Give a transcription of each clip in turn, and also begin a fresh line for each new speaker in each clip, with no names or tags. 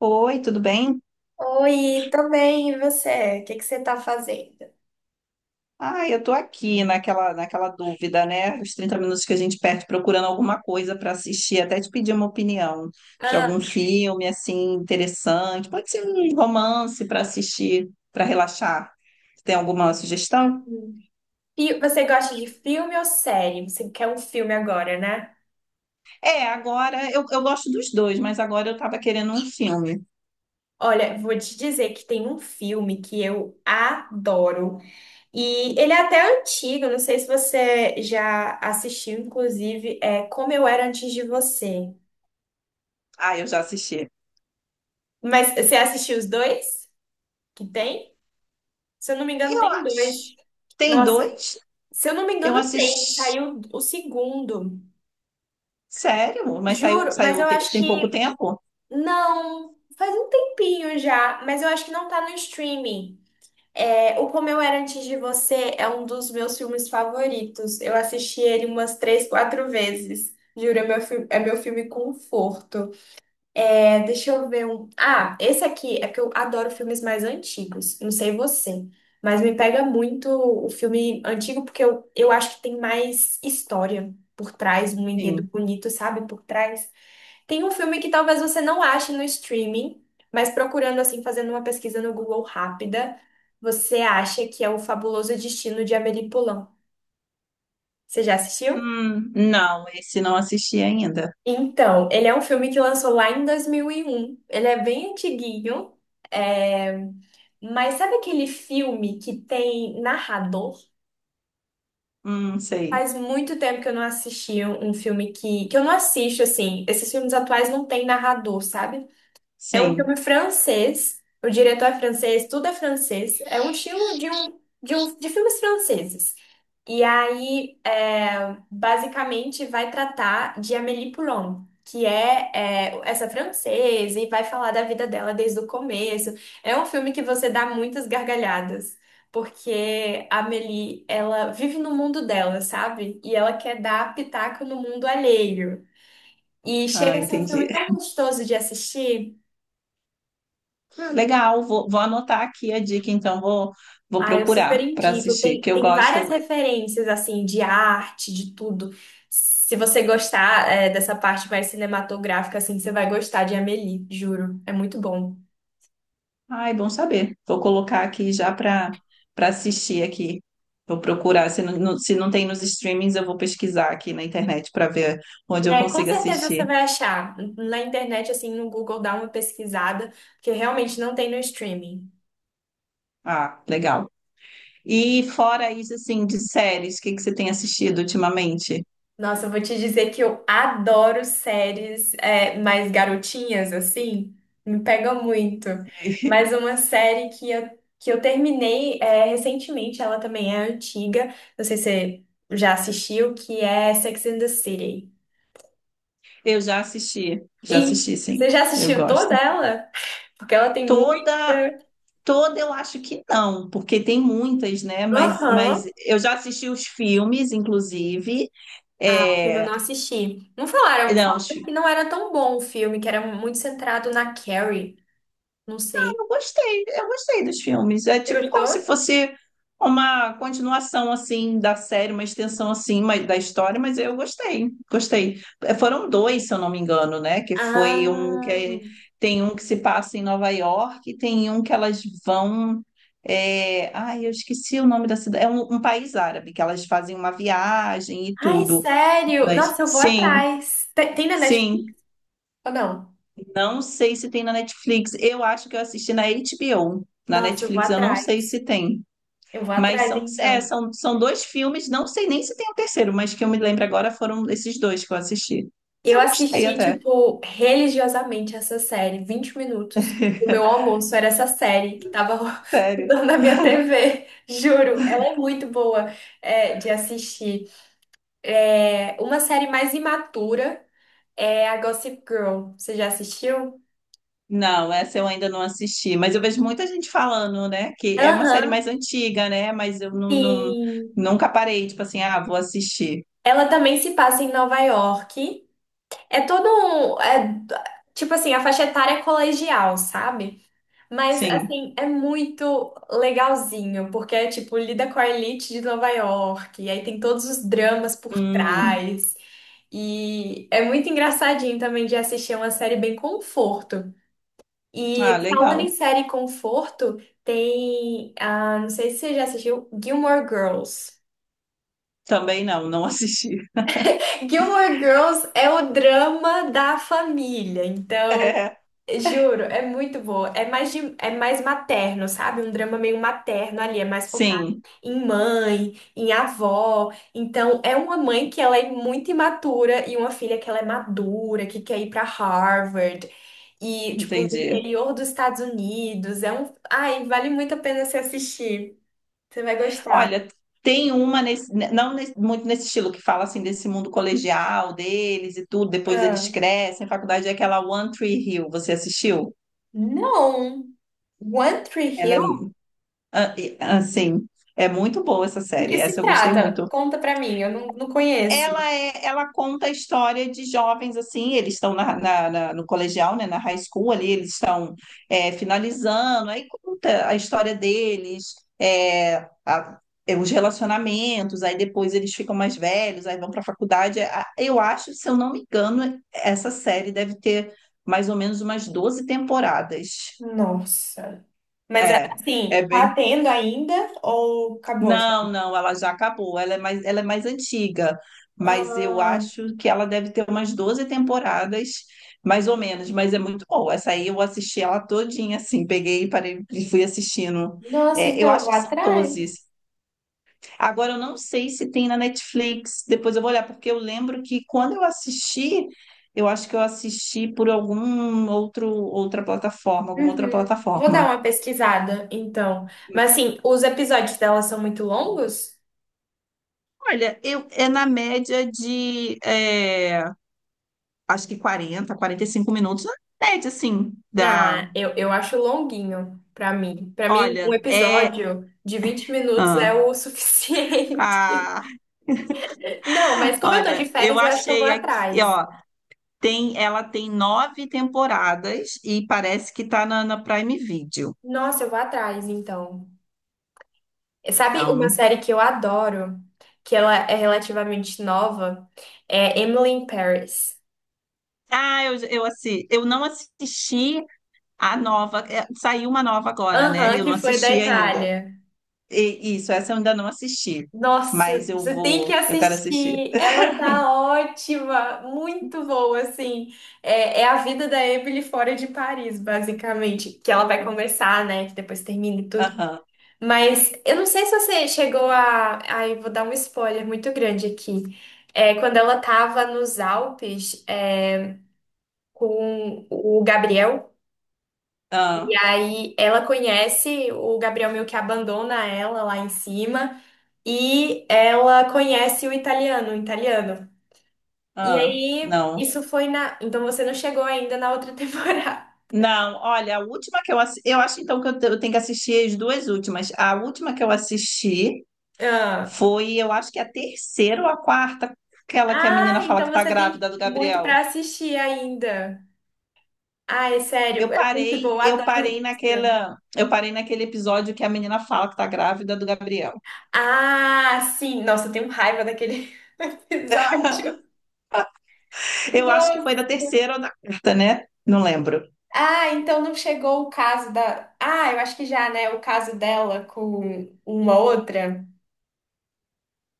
Oi, tudo bem?
Oi, tô bem, e você? O que que você tá fazendo?
Ah, eu tô aqui naquela dúvida, né? Os 30 minutos que a gente perde procurando alguma coisa para assistir, até te pedir uma opinião de
Ah,
algum filme assim interessante. Pode ser um romance para assistir, para relaxar. Tem alguma sugestão?
uhum. E você gosta de filme ou série? Você quer um filme agora, né?
É, agora eu gosto dos dois, mas agora eu tava querendo um filme.
Olha, vou te dizer que tem um filme que eu adoro. E ele é até antigo, não sei se você já assistiu, inclusive, é Como Eu Era Antes de Você.
Ah, eu já assisti.
Mas você assistiu os dois que tem? Se eu não me engano,
Eu
tem dois.
acho. Tem
Nossa,
dois?
se eu não me
Eu
engano, tem.
assisti.
Saiu o segundo.
Sério? Mas
Juro, mas eu acho
tem pouco
que.
tempo?
Não, faz um tempinho já, mas eu acho que não tá no streaming. É, O Como Eu Era Antes de Você é um dos meus filmes favoritos. Eu assisti ele umas três, quatro vezes. Juro, é meu filme conforto. É, deixa eu ver um. Ah, esse aqui é que eu adoro filmes mais antigos. Não sei você, mas me pega muito o filme antigo porque eu acho que tem mais história por trás, um enredo
Sim.
bonito, sabe? Por trás. Tem um filme que talvez você não ache no streaming, mas procurando assim, fazendo uma pesquisa no Google rápida, você acha que é O Fabuloso Destino de Amélie Poulain. Você já assistiu?
Não, esse não assisti ainda.
Então, ele é um filme que lançou lá em 2001. Ele é bem antiguinho, é, mas sabe aquele filme que tem narrador?
Sei.
Faz muito tempo que eu não assisti um filme que eu não assisto, assim. Esses filmes atuais não tem narrador, sabe? É um
Sim.
filme francês, o diretor é francês, tudo é francês, é um estilo de filmes franceses. E aí, é, basicamente, vai tratar de Amélie Poulain, que é, essa francesa, e vai falar da vida dela desde o começo. É um filme que você dá muitas gargalhadas, porque a Amélie, ela vive no mundo dela, sabe? E ela quer dar pitaco no mundo alheio. E
Ah,
chega a ser um
entendi.
filme tão gostoso de assistir.
Ah, legal, vou anotar aqui a dica, então vou
Ah, eu super
procurar para
indico.
assistir,
Tem,
que eu
tem
gosto. Eu...
várias referências, assim, de arte, de tudo. Se você gostar, é, dessa parte mais cinematográfica, assim, você vai gostar de Amélie, juro. É muito bom.
Ai, bom saber. Vou colocar aqui já para assistir aqui. Vou procurar. Se não, se não tem nos streamings, eu vou pesquisar aqui na internet para ver onde eu
É, com
consigo
certeza você
assistir.
vai achar. Na internet, assim, no Google, dá uma pesquisada, porque realmente não tem no streaming.
Ah, legal. E fora isso, assim, de séries, o que que você tem assistido ultimamente?
Nossa, eu vou te dizer que eu adoro séries é, mais garotinhas, assim, me pega muito. Mas uma série que eu terminei é, recentemente, ela também é antiga, não sei se você já assistiu, que é Sex and the City.
Eu já
E
assisti, sim.
você já
Eu
assistiu toda
gosto.
ela? Porque ela tem muita.
Toda, toda eu acho que não, porque tem muitas, né? Mas,
Aham.
eu já assisti os filmes, inclusive.
Ah, filme eu
É,
não assisti. Não falaram,
não, os-
falaram que não era tão bom o filme, que era muito centrado na Carrie. Não sei.
eu gostei, eu gostei dos filmes. É
Você
tipo como se
gostou?
fosse uma continuação assim da série, uma extensão assim mas, da história, mas eu gostei, gostei. Eh, foram dois, se eu não me engano, né? Que foi um que é-
Ah.
Tem um que se passa em Nova York e tem um que elas vão. Ai, eu esqueci o nome da cidade. É um país árabe que elas fazem uma viagem e
Ai,
tudo.
sério?
Mas
Nossa, eu vou
sim,
atrás. Tem na Netflix
sim.
ou não?
Não sei se tem na Netflix. Eu acho que eu assisti na HBO. Na
Nossa, eu vou
Netflix eu não sei
atrás.
se tem.
Eu vou
Mas
atrás,
são, é,
então.
são, são dois filmes, não sei nem se tem um terceiro, mas que eu me lembro agora foram esses dois que eu assisti. Mas
Eu
eu gostei
assisti,
até.
tipo, religiosamente essa série, 20 minutos. O meu almoço era essa série que tava
Sério.
rodando na minha TV. Juro, ela é muito boa, é, de assistir. É, uma série mais imatura é a Gossip Girl. Você já assistiu?
Não, essa eu ainda não assisti, mas eu vejo muita gente falando, né? Que é uma série
Aham,
mais antiga, né? Mas eu
sim.
nunca parei, tipo assim, ah, vou assistir.
Ela também se passa em Nova York. É todo um. É, tipo assim, a faixa etária é colegial, sabe? Mas,
Sim.
assim, é muito legalzinho, porque, é, tipo, lida com a elite de Nova York, e aí tem todos os dramas por
Hum,
trás, e é muito engraçadinho também de assistir é uma série bem conforto.
ah,
E falando em
legal.
série conforto, tem, ah, não sei se você já assistiu, Gilmore Girls.
Também não, não assisti.
Gilmore Girls é o drama da família, então.
É.
Juro, é muito boa. É mais materno, sabe? Um drama meio materno ali, é mais focado
Sim,
em mãe, em avó. Então, é uma mãe que ela é muito imatura e uma filha que ela é madura, que quer ir pra Harvard e tipo no
entendi.
interior dos Estados Unidos. É um, ai, vale muito a pena se assistir. Você vai gostar.
Olha, tem uma nesse, né, não nesse- muito nesse estilo que fala assim desse mundo colegial deles e tudo, depois
Ah,
eles crescem. A faculdade é aquela One Tree Hill, você assistiu?
não. One Tree
Ela é
Hill?
ah, assim, é muito boa essa
Do
série.
que se
Essa eu gostei
trata?
muito.
Conta pra mim, eu não conheço.
Ela é, ela conta a história de jovens assim, eles estão no colegial, né, na high school ali, eles estão é, finalizando, aí conta a história deles, é, a- é, os relacionamentos, aí depois eles ficam mais velhos, aí vão para a faculdade. Eu acho, se eu não me engano, essa série deve ter mais ou menos umas 12 temporadas.
Nossa. Mas
É, é
assim, tá
bem
tendo ainda ou acabou já?
Não, não, ela já acabou. Ela é mais antiga, mas eu
Ah,
acho que ela deve ter umas 12 temporadas, mais ou menos, mas é muito boa. Essa aí eu assisti ela todinha, assim, peguei e parei e fui assistindo.
nossa,
É, eu
então
acho que
lá
são 12.
atrás.
Agora eu não sei se tem na Netflix, depois eu vou olhar, porque eu lembro que quando eu assisti, eu acho que eu assisti por algum outro, outra plataforma, alguma outra
Uhum. Vou dar
plataforma.
uma pesquisada, então. Mas assim, os episódios dela são muito longos?
Olha, eu, é na média de acho que quarenta, quarenta e cinco minutos, na média, assim,
Ah,
da.
eu acho longuinho pra mim. Pra mim, um
Olha, é.
episódio de 20 minutos é
Ah,
o suficiente.
ah,
Não, mas como eu tô de
olha, eu
férias, eu acho que eu vou
achei aqui,
atrás.
ó, tem, ela tem nove temporadas e parece que tá na Prime Video.
Nossa, eu vou atrás, então. Sabe uma
Então,
série que eu adoro, que ela é relativamente nova, é Emily in Paris.
ah, assi, eu não assisti a nova, é, saiu uma nova agora, né?
Aham,
Eu
que
não
foi da
assisti ainda.
Itália.
Isso, essa eu ainda não assisti,
Nossa,
mas eu
você tem que
vou, eu quero assistir.
assistir. Ela tá ótima, muito boa, assim. É, é a vida da Emily fora de Paris, basicamente. Que ela vai começar, né? Que depois termina e tudo.
Aham,
Mas eu não sei se você chegou a. Aí vou dar um spoiler muito grande aqui. É, quando ela tava nos Alpes. É, com o Gabriel. E
ah,
aí ela conhece o Gabriel meio que abandona ela lá em cima e ela conhece o italiano, o italiano. E
ah,
aí
não.
isso foi na, então você não chegou ainda na outra temporada.
Não, olha, a última que eu assisti, eu acho então que eu tenho que assistir as duas últimas. A última que eu assisti
Ah,
foi, eu acho que é a terceira ou a quarta, aquela que a
Ah,
menina fala
então
que tá
você
grávida
tem
do
muito pra
Gabriel.
assistir ainda. Ah, é sério,
Eu
é muito bom,
parei,
eu
eu
adoro
parei
esse filme.
naquela, eu parei naquele episódio que a menina fala que tá grávida do Gabriel.
Ah, sim, nossa, eu tenho raiva daquele episódio.
Eu acho que foi
Nossa.
da terceira ou da quarta, né? Não lembro.
Ah, então não chegou o caso da. Ah, eu acho que já, né? O caso dela com uma outra,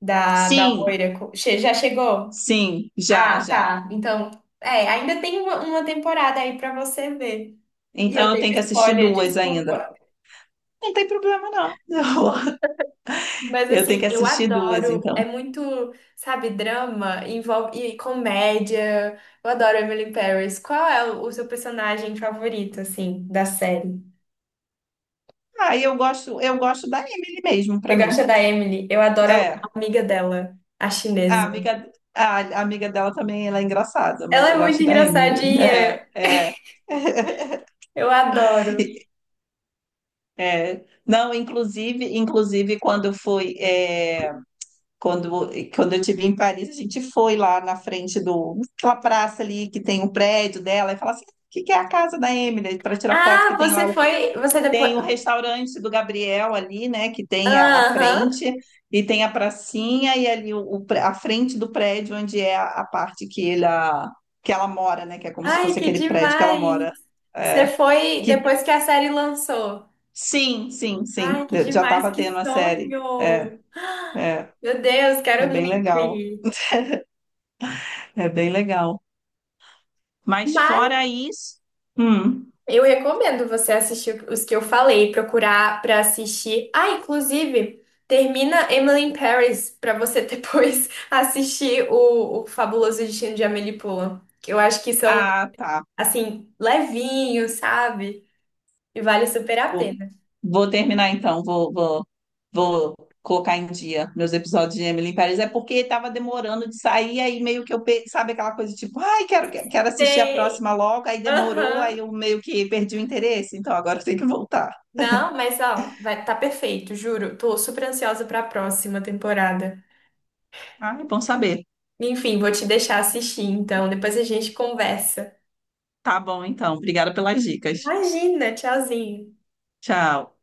da
Sim,
loira. Já chegou?
sim, já,
Ah,
já.
tá. Então, é, ainda tem uma temporada aí pra você ver. E eu
Então eu
dei
tenho que assistir
spoiler,
duas ainda.
desculpa.
Não tem problema, não.
Mas
Eu tenho
assim,
que
eu
assistir duas,
adoro. É
então.
muito, sabe, drama, envolve e comédia. Eu adoro Emily in Paris. Qual é o seu personagem favorito, assim, da série?
Ah, eu gosto da Emily mesmo,
Você
pra mim.
gosta da Emily? Eu adoro a
É,
amiga dela, a
a
chinesa.
amiga, a amiga dela também, ela é engraçada, mas
Ela
eu
é muito
gosto da Emily. É,
engraçadinha.
é,
Eu adoro.
é. Não, inclusive, inclusive quando foi, é, quando, quando eu estive em Paris, a gente foi lá na frente do, aquela praça ali que tem o prédio dela e fala assim, "Ah, o que que é a casa da Emily? Para tirar foto
Ah,
que tem
você
lá o
foi. Você depois.
Tem o restaurante do Gabriel ali, né? Que tem a
Aham.
frente, e tem a pracinha, e ali a frente do prédio, onde é a parte que, ele, que ela mora, né? Que é como se
Ai,
fosse
que
aquele prédio que ela
demais.
mora.
Você
É,
foi
que
depois que a série lançou.
sim, sim, sim,
Ai, que
eu já
demais,
estava
que
tendo a série. É,
sonho. Meu Deus,
é
quero
bem
muito
legal,
ir.
é bem legal. Mas
Mas
fora isso, hum,
Eu recomendo você assistir os que eu falei, procurar pra assistir. Ah, inclusive, termina Emily in Paris pra você depois assistir o Fabuloso Destino de Amélie Poulain, que eu acho que são
ah, tá.
assim levinhos, sabe? E vale super a
Vou,
pena.
vou terminar então, vou, vou, vou colocar em dia meus episódios de Emily em Paris. É porque estava demorando de sair, aí meio que eu, pe- sabe aquela coisa tipo, ai, quero, quero assistir a
Sei.
próxima logo, aí demorou, aí
Aham.
eu meio que perdi o interesse, então agora tem que voltar.
Não, mas ó, vai tá perfeito, juro. Tô super ansiosa pra próxima temporada.
Ah, é bom saber.
Enfim, vou te deixar assistir, então. Depois a gente conversa.
Tá bom, então. Obrigada pelas dicas.
Imagina, tchauzinho.
Tchau.